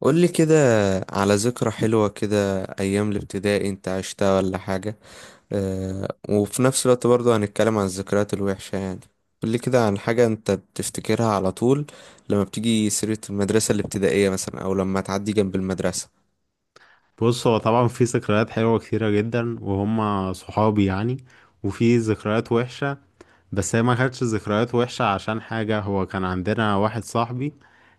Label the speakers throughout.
Speaker 1: قولي كده. على ذكرى حلوة كده أيام الابتدائي أنت عشتها ولا حاجة؟ أه، وفي نفس الوقت برضو هنتكلم عن الذكريات الوحشة يعني. قولي كده عن حاجة أنت بتفتكرها على طول لما بتيجي سيرة المدرسة الابتدائية مثلا، أو لما تعدي جنب المدرسة.
Speaker 2: بص، هو طبعا في ذكريات حلوة كتيرة جدا وهم صحابي يعني. وفي ذكريات وحشة، بس هي ما كانتش ذكريات وحشة عشان حاجة. هو كان عندنا واحد صاحبي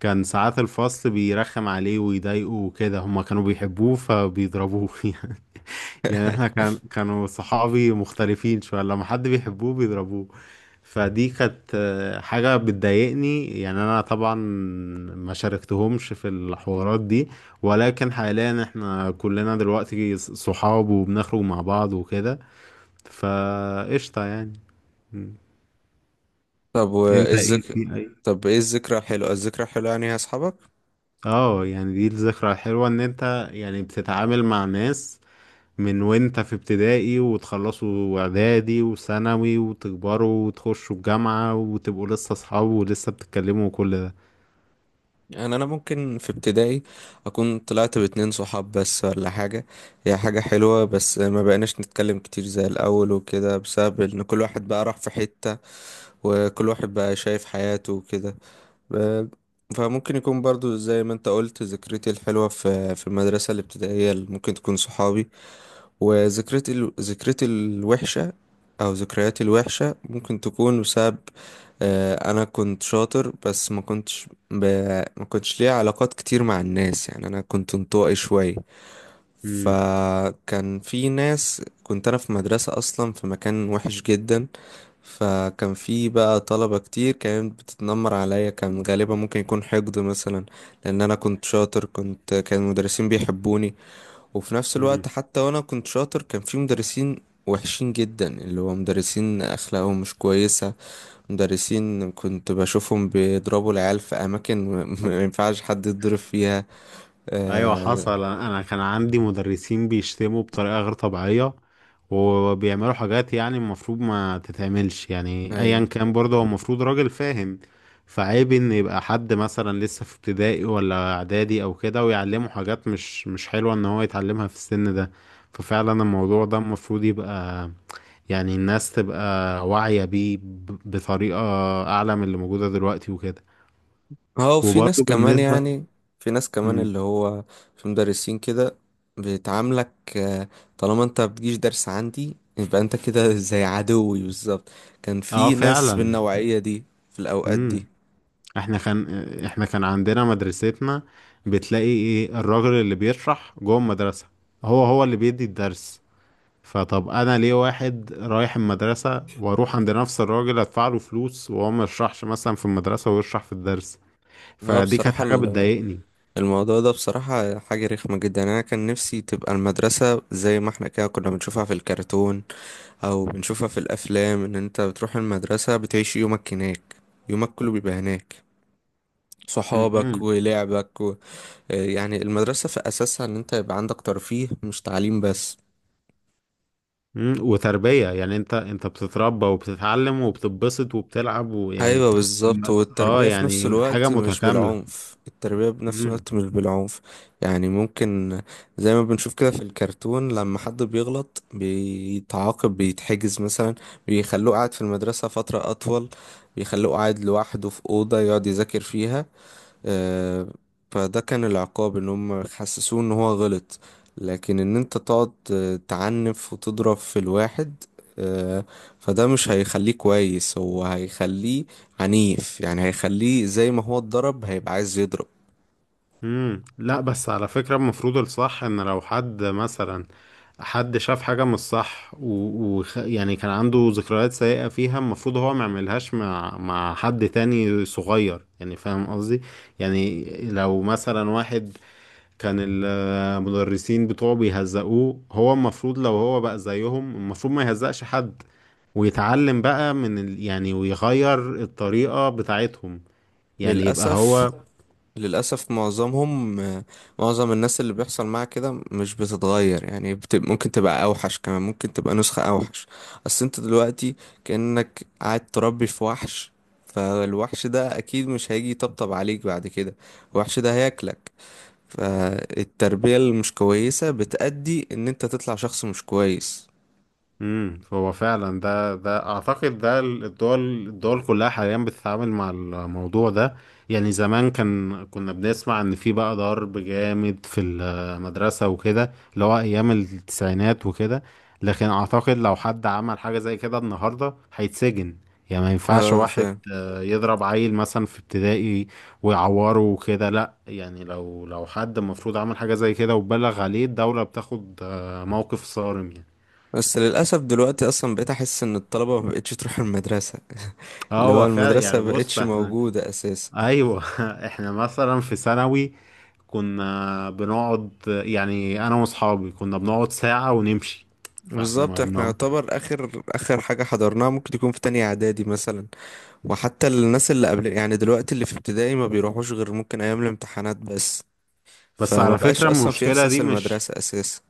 Speaker 2: كان ساعات الفصل بيرخم عليه ويضايقه وكده، هما كانوا بيحبوه فبيضربوه. يعني احنا كانوا صحابي مختلفين شوية، لما حد بيحبوه بيضربوه. فدي كانت حاجة بتضايقني. يعني انا طبعا ما شاركتهمش في الحوارات دي، ولكن حاليا احنا كلنا دلوقتي صحاب وبنخرج مع بعض وكده، فقشطة يعني. م.
Speaker 1: طب وإيه
Speaker 2: انت ايه في
Speaker 1: الذك...
Speaker 2: اي؟
Speaker 1: طب إيه الذكرى الحلوة، يعني يا أصحابك؟
Speaker 2: اه، يعني دي الذكرى الحلوة، ان انت يعني بتتعامل مع ناس من وانت في ابتدائي، وتخلصوا اعدادي وثانوي وتكبروا وتخشوا الجامعة وتبقوا لسه اصحاب ولسه بتتكلموا وكل ده.
Speaker 1: يعني انا ممكن في ابتدائي اكون طلعت باتنين صحاب بس ولا حاجة. هي حاجة حلوة، بس ما بقيناش نتكلم كتير زي الاول وكده بسبب ان كل واحد بقى راح في حتة، وكل واحد بقى شايف حياته وكده. ب- فممكن يكون برضو زي ما انت قلت ذكريتي الحلوة في المدرسة الابتدائية اللي ممكن تكون صحابي. ذكرتي الوحشة أو ذكرياتي الوحشة ممكن تكون بسبب أنا كنت شاطر بس ما كنتش ليا علاقات كتير مع الناس. يعني أنا كنت انطوائي شوية، فكان في ناس، كنت أنا في مدرسة أصلا في مكان وحش جدا، فكان في بقى طلبة كتير كانت بتتنمر عليا. كان غالبا ممكن يكون حقد مثلا، لأن أنا كنت شاطر، كان المدرسين بيحبوني. وفي نفس الوقت
Speaker 2: امم
Speaker 1: حتى وانا كنت شاطر كان في مدرسين وحشين جدا، اللي هو مدرسين اخلاقهم مش كويسة. مدرسين كنت بشوفهم بيضربوا العيال في اماكن ما ينفعش حد يتضرب فيها.
Speaker 2: ايوه،
Speaker 1: آه.
Speaker 2: حصل. أنا كان عندي مدرسين بيشتموا بطريقه غير طبيعيه، وبيعملوا حاجات يعني المفروض ما تتعملش. يعني ايا
Speaker 1: ايوه.
Speaker 2: كان برضه هو المفروض راجل فاهم. فعيب ان يبقى حد مثلا لسه في ابتدائي ولا اعدادي او كده، ويعلمه حاجات مش حلوه ان هو يتعلمها في السن ده. ففعلا الموضوع ده المفروض يبقى، يعني الناس تبقى واعيه بيه بطريقه اعلى من اللي موجوده دلوقتي وكده.
Speaker 1: هو في ناس
Speaker 2: وبرضه
Speaker 1: كمان
Speaker 2: بالنسبه.
Speaker 1: يعني، في ناس كمان
Speaker 2: مم.
Speaker 1: اللي هو في مدرسين كده بيتعاملك، طالما انت بتجيش درس عندي يبقى انت كده زي عدوي بالظبط. كان
Speaker 2: اه
Speaker 1: في ناس
Speaker 2: فعلا.
Speaker 1: بالنوعية دي في الاوقات
Speaker 2: امم.
Speaker 1: دي.
Speaker 2: احنا كان احنا كان عندنا مدرستنا، بتلاقي ايه الراجل اللي بيشرح جوه المدرسة هو هو اللي بيدي الدرس. فطب انا ليه واحد رايح المدرسة واروح عند نفس الراجل ادفع له فلوس وهو ما يشرحش مثلا في المدرسة ويشرح في الدرس؟
Speaker 1: هو
Speaker 2: فدي كانت
Speaker 1: بصراحة
Speaker 2: حاجة بتضايقني.
Speaker 1: الموضوع ده بصراحة حاجة رخمة جدا. يعني أنا كان نفسي تبقى المدرسة زي ما احنا كده كنا بنشوفها في الكرتون أو بنشوفها في الأفلام، إن أنت بتروح المدرسة بتعيش يومك هناك. يومك كله بيبقى هناك، صحابك
Speaker 2: امم.
Speaker 1: ولعبك و... يعني المدرسة في أساسها إن أنت يبقى عندك ترفيه مش تعليم بس.
Speaker 2: امم، وتربية، يعني انت بتتربى وبتتعلم وبتتبسط وبتلعب ويعني.
Speaker 1: ايوه بالظبط،
Speaker 2: اه
Speaker 1: والتربية في نفس
Speaker 2: يعني حاجة
Speaker 1: الوقت مش
Speaker 2: متكاملة.
Speaker 1: بالعنف، التربية بنفس الوقت مش بالعنف. يعني ممكن زي ما بنشوف كده في الكرتون لما حد بيغلط بيتعاقب بيتحجز مثلا، بيخلوه قاعد في المدرسة فترة اطول، بيخلوه قاعد لوحده في أوضة يقعد يذاكر فيها. آه، فده كان العقاب، ان هم حسسوه ان هو غلط. لكن ان انت تقعد تعنف وتضرب في الواحد، آه، فده مش هيخليه كويس، هو هيخليه عنيف. يعني هيخليه زي ما هو اتضرب هيبقى عايز يضرب.
Speaker 2: امم، لا بس على فكرة المفروض الصح، ان لو حد مثلا حد شاف حاجة مش صح، و... و... يعني كان عنده ذكريات سيئة فيها، المفروض هو ما يعملهاش مع حد تاني صغير، يعني فاهم قصدي؟ يعني لو مثلا واحد كان المدرسين بتوعه بيهزقوه، هو المفروض لو هو بقى زيهم المفروض ما يهزقش حد، ويتعلم بقى من ال، يعني ويغير الطريقة بتاعتهم، يعني يبقى
Speaker 1: للأسف.
Speaker 2: هو.
Speaker 1: للأسف معظمهم، معظم الناس اللي بيحصل معاها كده مش بتتغير. يعني ممكن تبقى أوحش كمان، ممكن تبقى نسخة أوحش. أصل أنت دلوقتي كأنك قاعد تربي في وحش، فالوحش ده أكيد مش هيجي يطبطب عليك بعد كده، الوحش ده هياكلك. فالتربية المش كويسة بتأدي إن أنت تطلع شخص مش كويس.
Speaker 2: امم، هو فعلا ده، ده اعتقد ده الدول كلها حاليا بتتعامل مع الموضوع ده. يعني زمان كان كنا بنسمع ان في بقى ضرب جامد في المدرسة وكده، اللي هو ايام التسعينات وكده، لكن اعتقد لو حد عمل حاجة زي كده النهاردة هيتسجن. يعني ما ينفعش
Speaker 1: اه
Speaker 2: واحد
Speaker 1: فاهم.
Speaker 2: يضرب عيل مثلا في ابتدائي ويعوره وكده، لا. يعني لو حد المفروض عمل حاجة زي كده وبلغ عليه، الدولة بتاخد موقف صارم يعني.
Speaker 1: بس للأسف دلوقتي أصلا بقيت أحس إن الطلبة مبقتش تروح المدرسة، اللي هو
Speaker 2: هو فعلا،
Speaker 1: المدرسة
Speaker 2: يعني بص
Speaker 1: مبقتش
Speaker 2: احنا،
Speaker 1: موجودة أساسا.
Speaker 2: ايوه. احنا مثلا في ثانوي كنا بنقعد، يعني انا واصحابي كنا بنقعد ساعة ونمشي. فاحنا
Speaker 1: بالظبط،
Speaker 2: ما
Speaker 1: احنا
Speaker 2: بنقعد.
Speaker 1: يعتبر اخر اخر حاجة حضرناها ممكن تكون في تانية اعدادي مثلا. وحتى الناس اللي قبل يعني دلوقتي اللي في ابتدائي ما بيروحوش غير ممكن ايام الامتحانات بس.
Speaker 2: بس
Speaker 1: فما
Speaker 2: على
Speaker 1: بقاش
Speaker 2: فكرة
Speaker 1: اصلا في
Speaker 2: المشكلة
Speaker 1: احساس
Speaker 2: دي مش،
Speaker 1: المدرسة اساسا.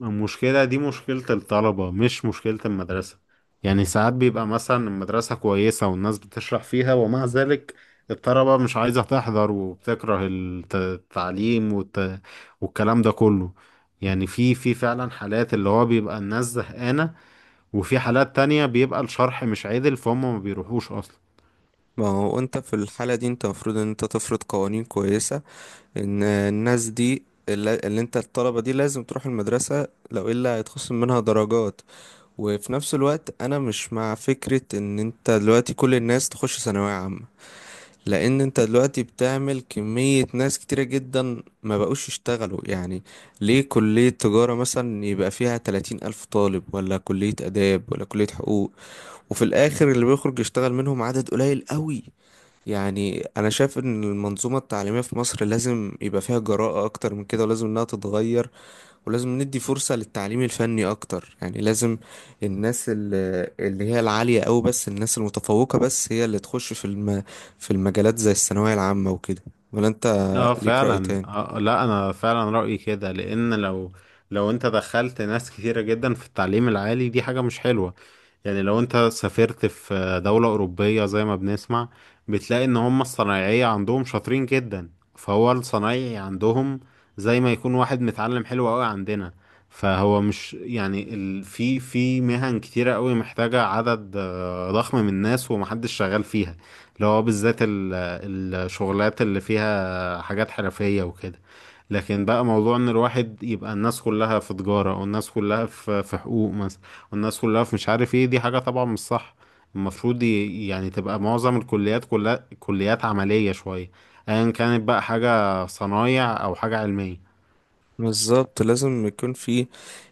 Speaker 2: المشكلة دي مشكلة الطلبة مش مشكلة المدرسة. يعني ساعات بيبقى مثلا المدرسة كويسة والناس بتشرح فيها، ومع ذلك الطلبة مش عايزة تحضر، وبتكره التعليم والت، والكلام ده كله. يعني في في فعلا حالات اللي هو بيبقى الناس زهقانة، وفي حالات تانية بيبقى الشرح مش عادل فهم ما بيروحوش أصلا.
Speaker 1: ما هو انت في الحالة دي انت المفروض ان انت تفرض قوانين كويسة، ان الناس دي اللي انت الطلبة دي لازم تروح المدرسة، لو الا هيتخصم منها درجات. وفي نفس الوقت انا مش مع فكرة ان انت دلوقتي كل الناس تخش ثانوية عامة، لان انت دلوقتي بتعمل كمية ناس كتيرة جدا ما بقوش يشتغلوا يعني. ليه كلية تجارة مثلا يبقى فيها 30,000 طالب، ولا كلية اداب، ولا كلية حقوق، وفي الاخر اللي بيخرج يشتغل منهم عدد قليل قوي. يعني انا شايف ان المنظومة التعليمية في مصر لازم يبقى فيها جراءة اكتر من كده، ولازم انها تتغير، ولازم ندي فرصة للتعليم الفني أكتر. يعني لازم الناس ال- اللي هي العالية أوي، بس الناس المتفوقة بس هي اللي تخش في المجالات زي الثانوية العامة وكده. ولا أنت
Speaker 2: اه
Speaker 1: ليك رأي
Speaker 2: فعلا.
Speaker 1: تاني؟
Speaker 2: آه لا انا فعلا رأيي كده، لان لو، لو انت دخلت ناس كتيرة جدا في التعليم العالي دي حاجة مش حلوة. يعني لو انت سافرت في دولة أوروبية زي ما بنسمع، بتلاقي ان هم الصنايعية عندهم شاطرين جدا. فهو الصنايعي عندهم زي ما يكون واحد متعلم حلو قوي عندنا. فهو مش يعني ال، في في مهن كتيرة قوي محتاجة عدد ضخم من الناس ومحدش شغال فيها، اللي هو بالذات ال، الشغلات اللي فيها حاجات حرفية وكده. لكن بقى موضوع ان الواحد يبقى الناس كلها في تجارة او الناس كلها في في حقوق مثلا، والناس كلها في مش عارف ايه، دي حاجة طبعا مش صح. المفروض يعني تبقى معظم الكليات كلها كليات عملية شوية، ايا كانت بقى حاجة صنايع او حاجة علمية.
Speaker 1: بالظبط، لازم يكون في.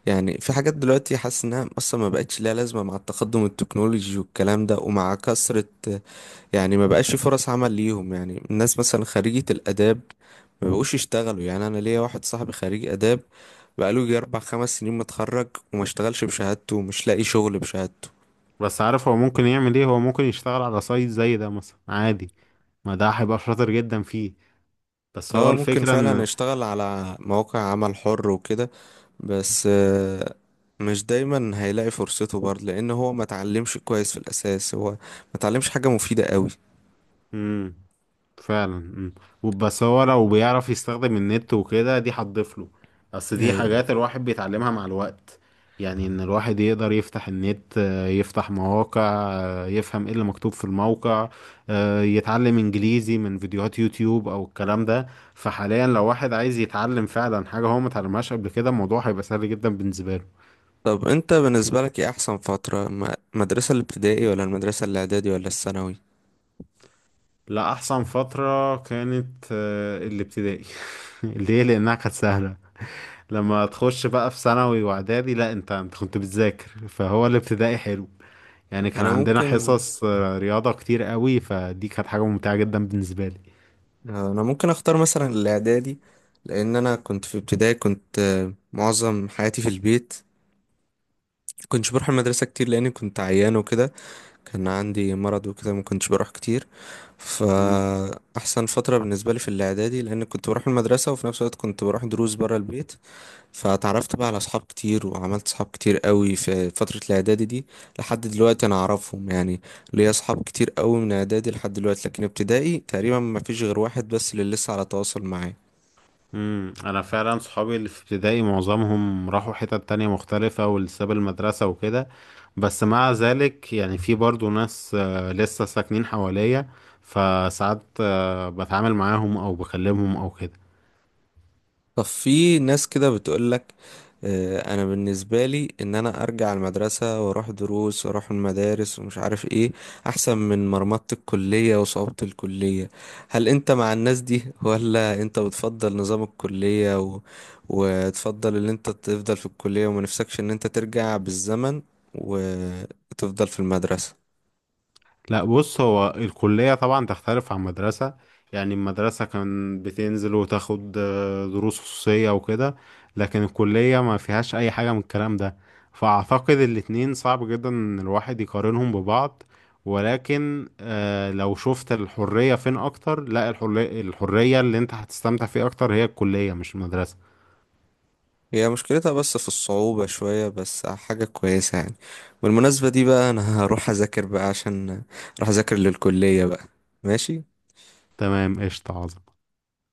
Speaker 1: يعني في حاجات دلوقتي حاسس انها اصلا ما بقتش ليها لازمه مع التقدم التكنولوجي والكلام ده ومع كثره. يعني ما بقاش في فرص عمل ليهم. يعني الناس مثلا خريجة الآداب ما بقوش يشتغلوا. يعني أنا ليا واحد صاحبي خريج آداب بقاله يجي أربع خمس سنين متخرج وما اشتغلش بشهادته ومش لاقي شغل بشهادته.
Speaker 2: بس عارف هو ممكن يعمل ايه؟ هو ممكن يشتغل على سايت زي ده مثلا عادي، ما ده هيبقى شاطر جدا فيه. بس هو
Speaker 1: اه ممكن
Speaker 2: الفكرة
Speaker 1: فعلا
Speaker 2: ان،
Speaker 1: يشتغل على مواقع عمل حر وكده، بس مش دايما هيلاقي فرصته برضه لأن هو ما اتعلمش كويس في الأساس، هو ما اتعلمش حاجة مفيدة قوي.
Speaker 2: امم فعلا. امم، وبس هو لو بيعرف يستخدم النت وكده دي هتضيف له، بس دي
Speaker 1: ايوه.
Speaker 2: حاجات الواحد بيتعلمها مع الوقت. يعني ان الواحد يقدر يفتح النت، يفتح مواقع، يفهم ايه اللي مكتوب في الموقع، يتعلم انجليزي من فيديوهات يوتيوب او الكلام ده. فحاليا لو واحد عايز يتعلم فعلا حاجة هو ما اتعلمهاش قبل كده، الموضوع هيبقى سهل جدا بالنسبة له.
Speaker 1: طب انت بالنسبة لك ايه احسن فترة، المدرسة الابتدائي ولا المدرسة الاعدادي ولا الثانوي؟
Speaker 2: لا احسن فترة كانت الابتدائي. ليه؟ لانها كانت سهلة، لما تخش بقى في ثانوي واعدادي لا، انت كنت بتذاكر. فهو الابتدائي حلو، يعني كان
Speaker 1: انا
Speaker 2: عندنا
Speaker 1: ممكن
Speaker 2: حصص رياضة كتير قوي، فدي كانت حاجة ممتعة جدا بالنسبة لي.
Speaker 1: انا ممكن اختار مثلا الاعدادي، لان انا كنت في ابتدائي كنت معظم حياتي في البيت. كنتش بروح المدرسة كتير لاني كنت عيان وكده، كان عندي مرض وكده ما كنتش بروح كتير.
Speaker 2: امم.
Speaker 1: فاحسن فترة بالنسبة لي في الاعدادي، لان كنت بروح المدرسة وفي نفس الوقت كنت بروح دروس برا البيت. فتعرفت بقى على اصحاب كتير وعملت اصحاب كتير قوي في فترة الاعدادي دي لحد دلوقتي انا اعرفهم يعني. ليا اصحاب كتير قوي من اعدادي لحد دلوقتي، لكن ابتدائي تقريبا ما فيش غير واحد بس اللي لسه على تواصل معاه.
Speaker 2: امم، انا فعلا صحابي اللي في ابتدائي معظمهم راحوا حتت تانية مختلفة والساب المدرسة وكده، بس مع ذلك يعني في برضو ناس لسه ساكنين حواليا، فساعات بتعامل معاهم او بكلمهم او كده.
Speaker 1: طب في ناس كده بتقولك انا بالنسبه لي ان انا ارجع المدرسه واروح دروس واروح المدارس ومش عارف ايه، احسن من مرمطه الكليه وصعوبه الكليه. هل انت مع الناس دي ولا انت بتفضل نظام الكليه و... وتفضل ان انت تفضل في الكليه وما نفسكش ان انت ترجع بالزمن وتفضل في المدرسه؟
Speaker 2: لا بص هو الكلية طبعا تختلف عن مدرسة، يعني المدرسة كان بتنزل وتاخد دروس خصوصية وكده، لكن الكلية ما فيهاش أي حاجة من الكلام ده. فأعتقد الاتنين صعب جدا إن الواحد يقارنهم ببعض، ولكن لو شفت الحرية فين أكتر، لا الحرية، الحرية اللي أنت هتستمتع فيها أكتر هي الكلية مش المدرسة.
Speaker 1: هي مشكلتها بس في الصعوبة شوية بس حاجة كويسة يعني. بالمناسبة دي بقى أنا هروح أذاكر بقى عشان أروح أذاكر للكلية بقى. ماشي.
Speaker 2: تمام، قشطة، عظمة.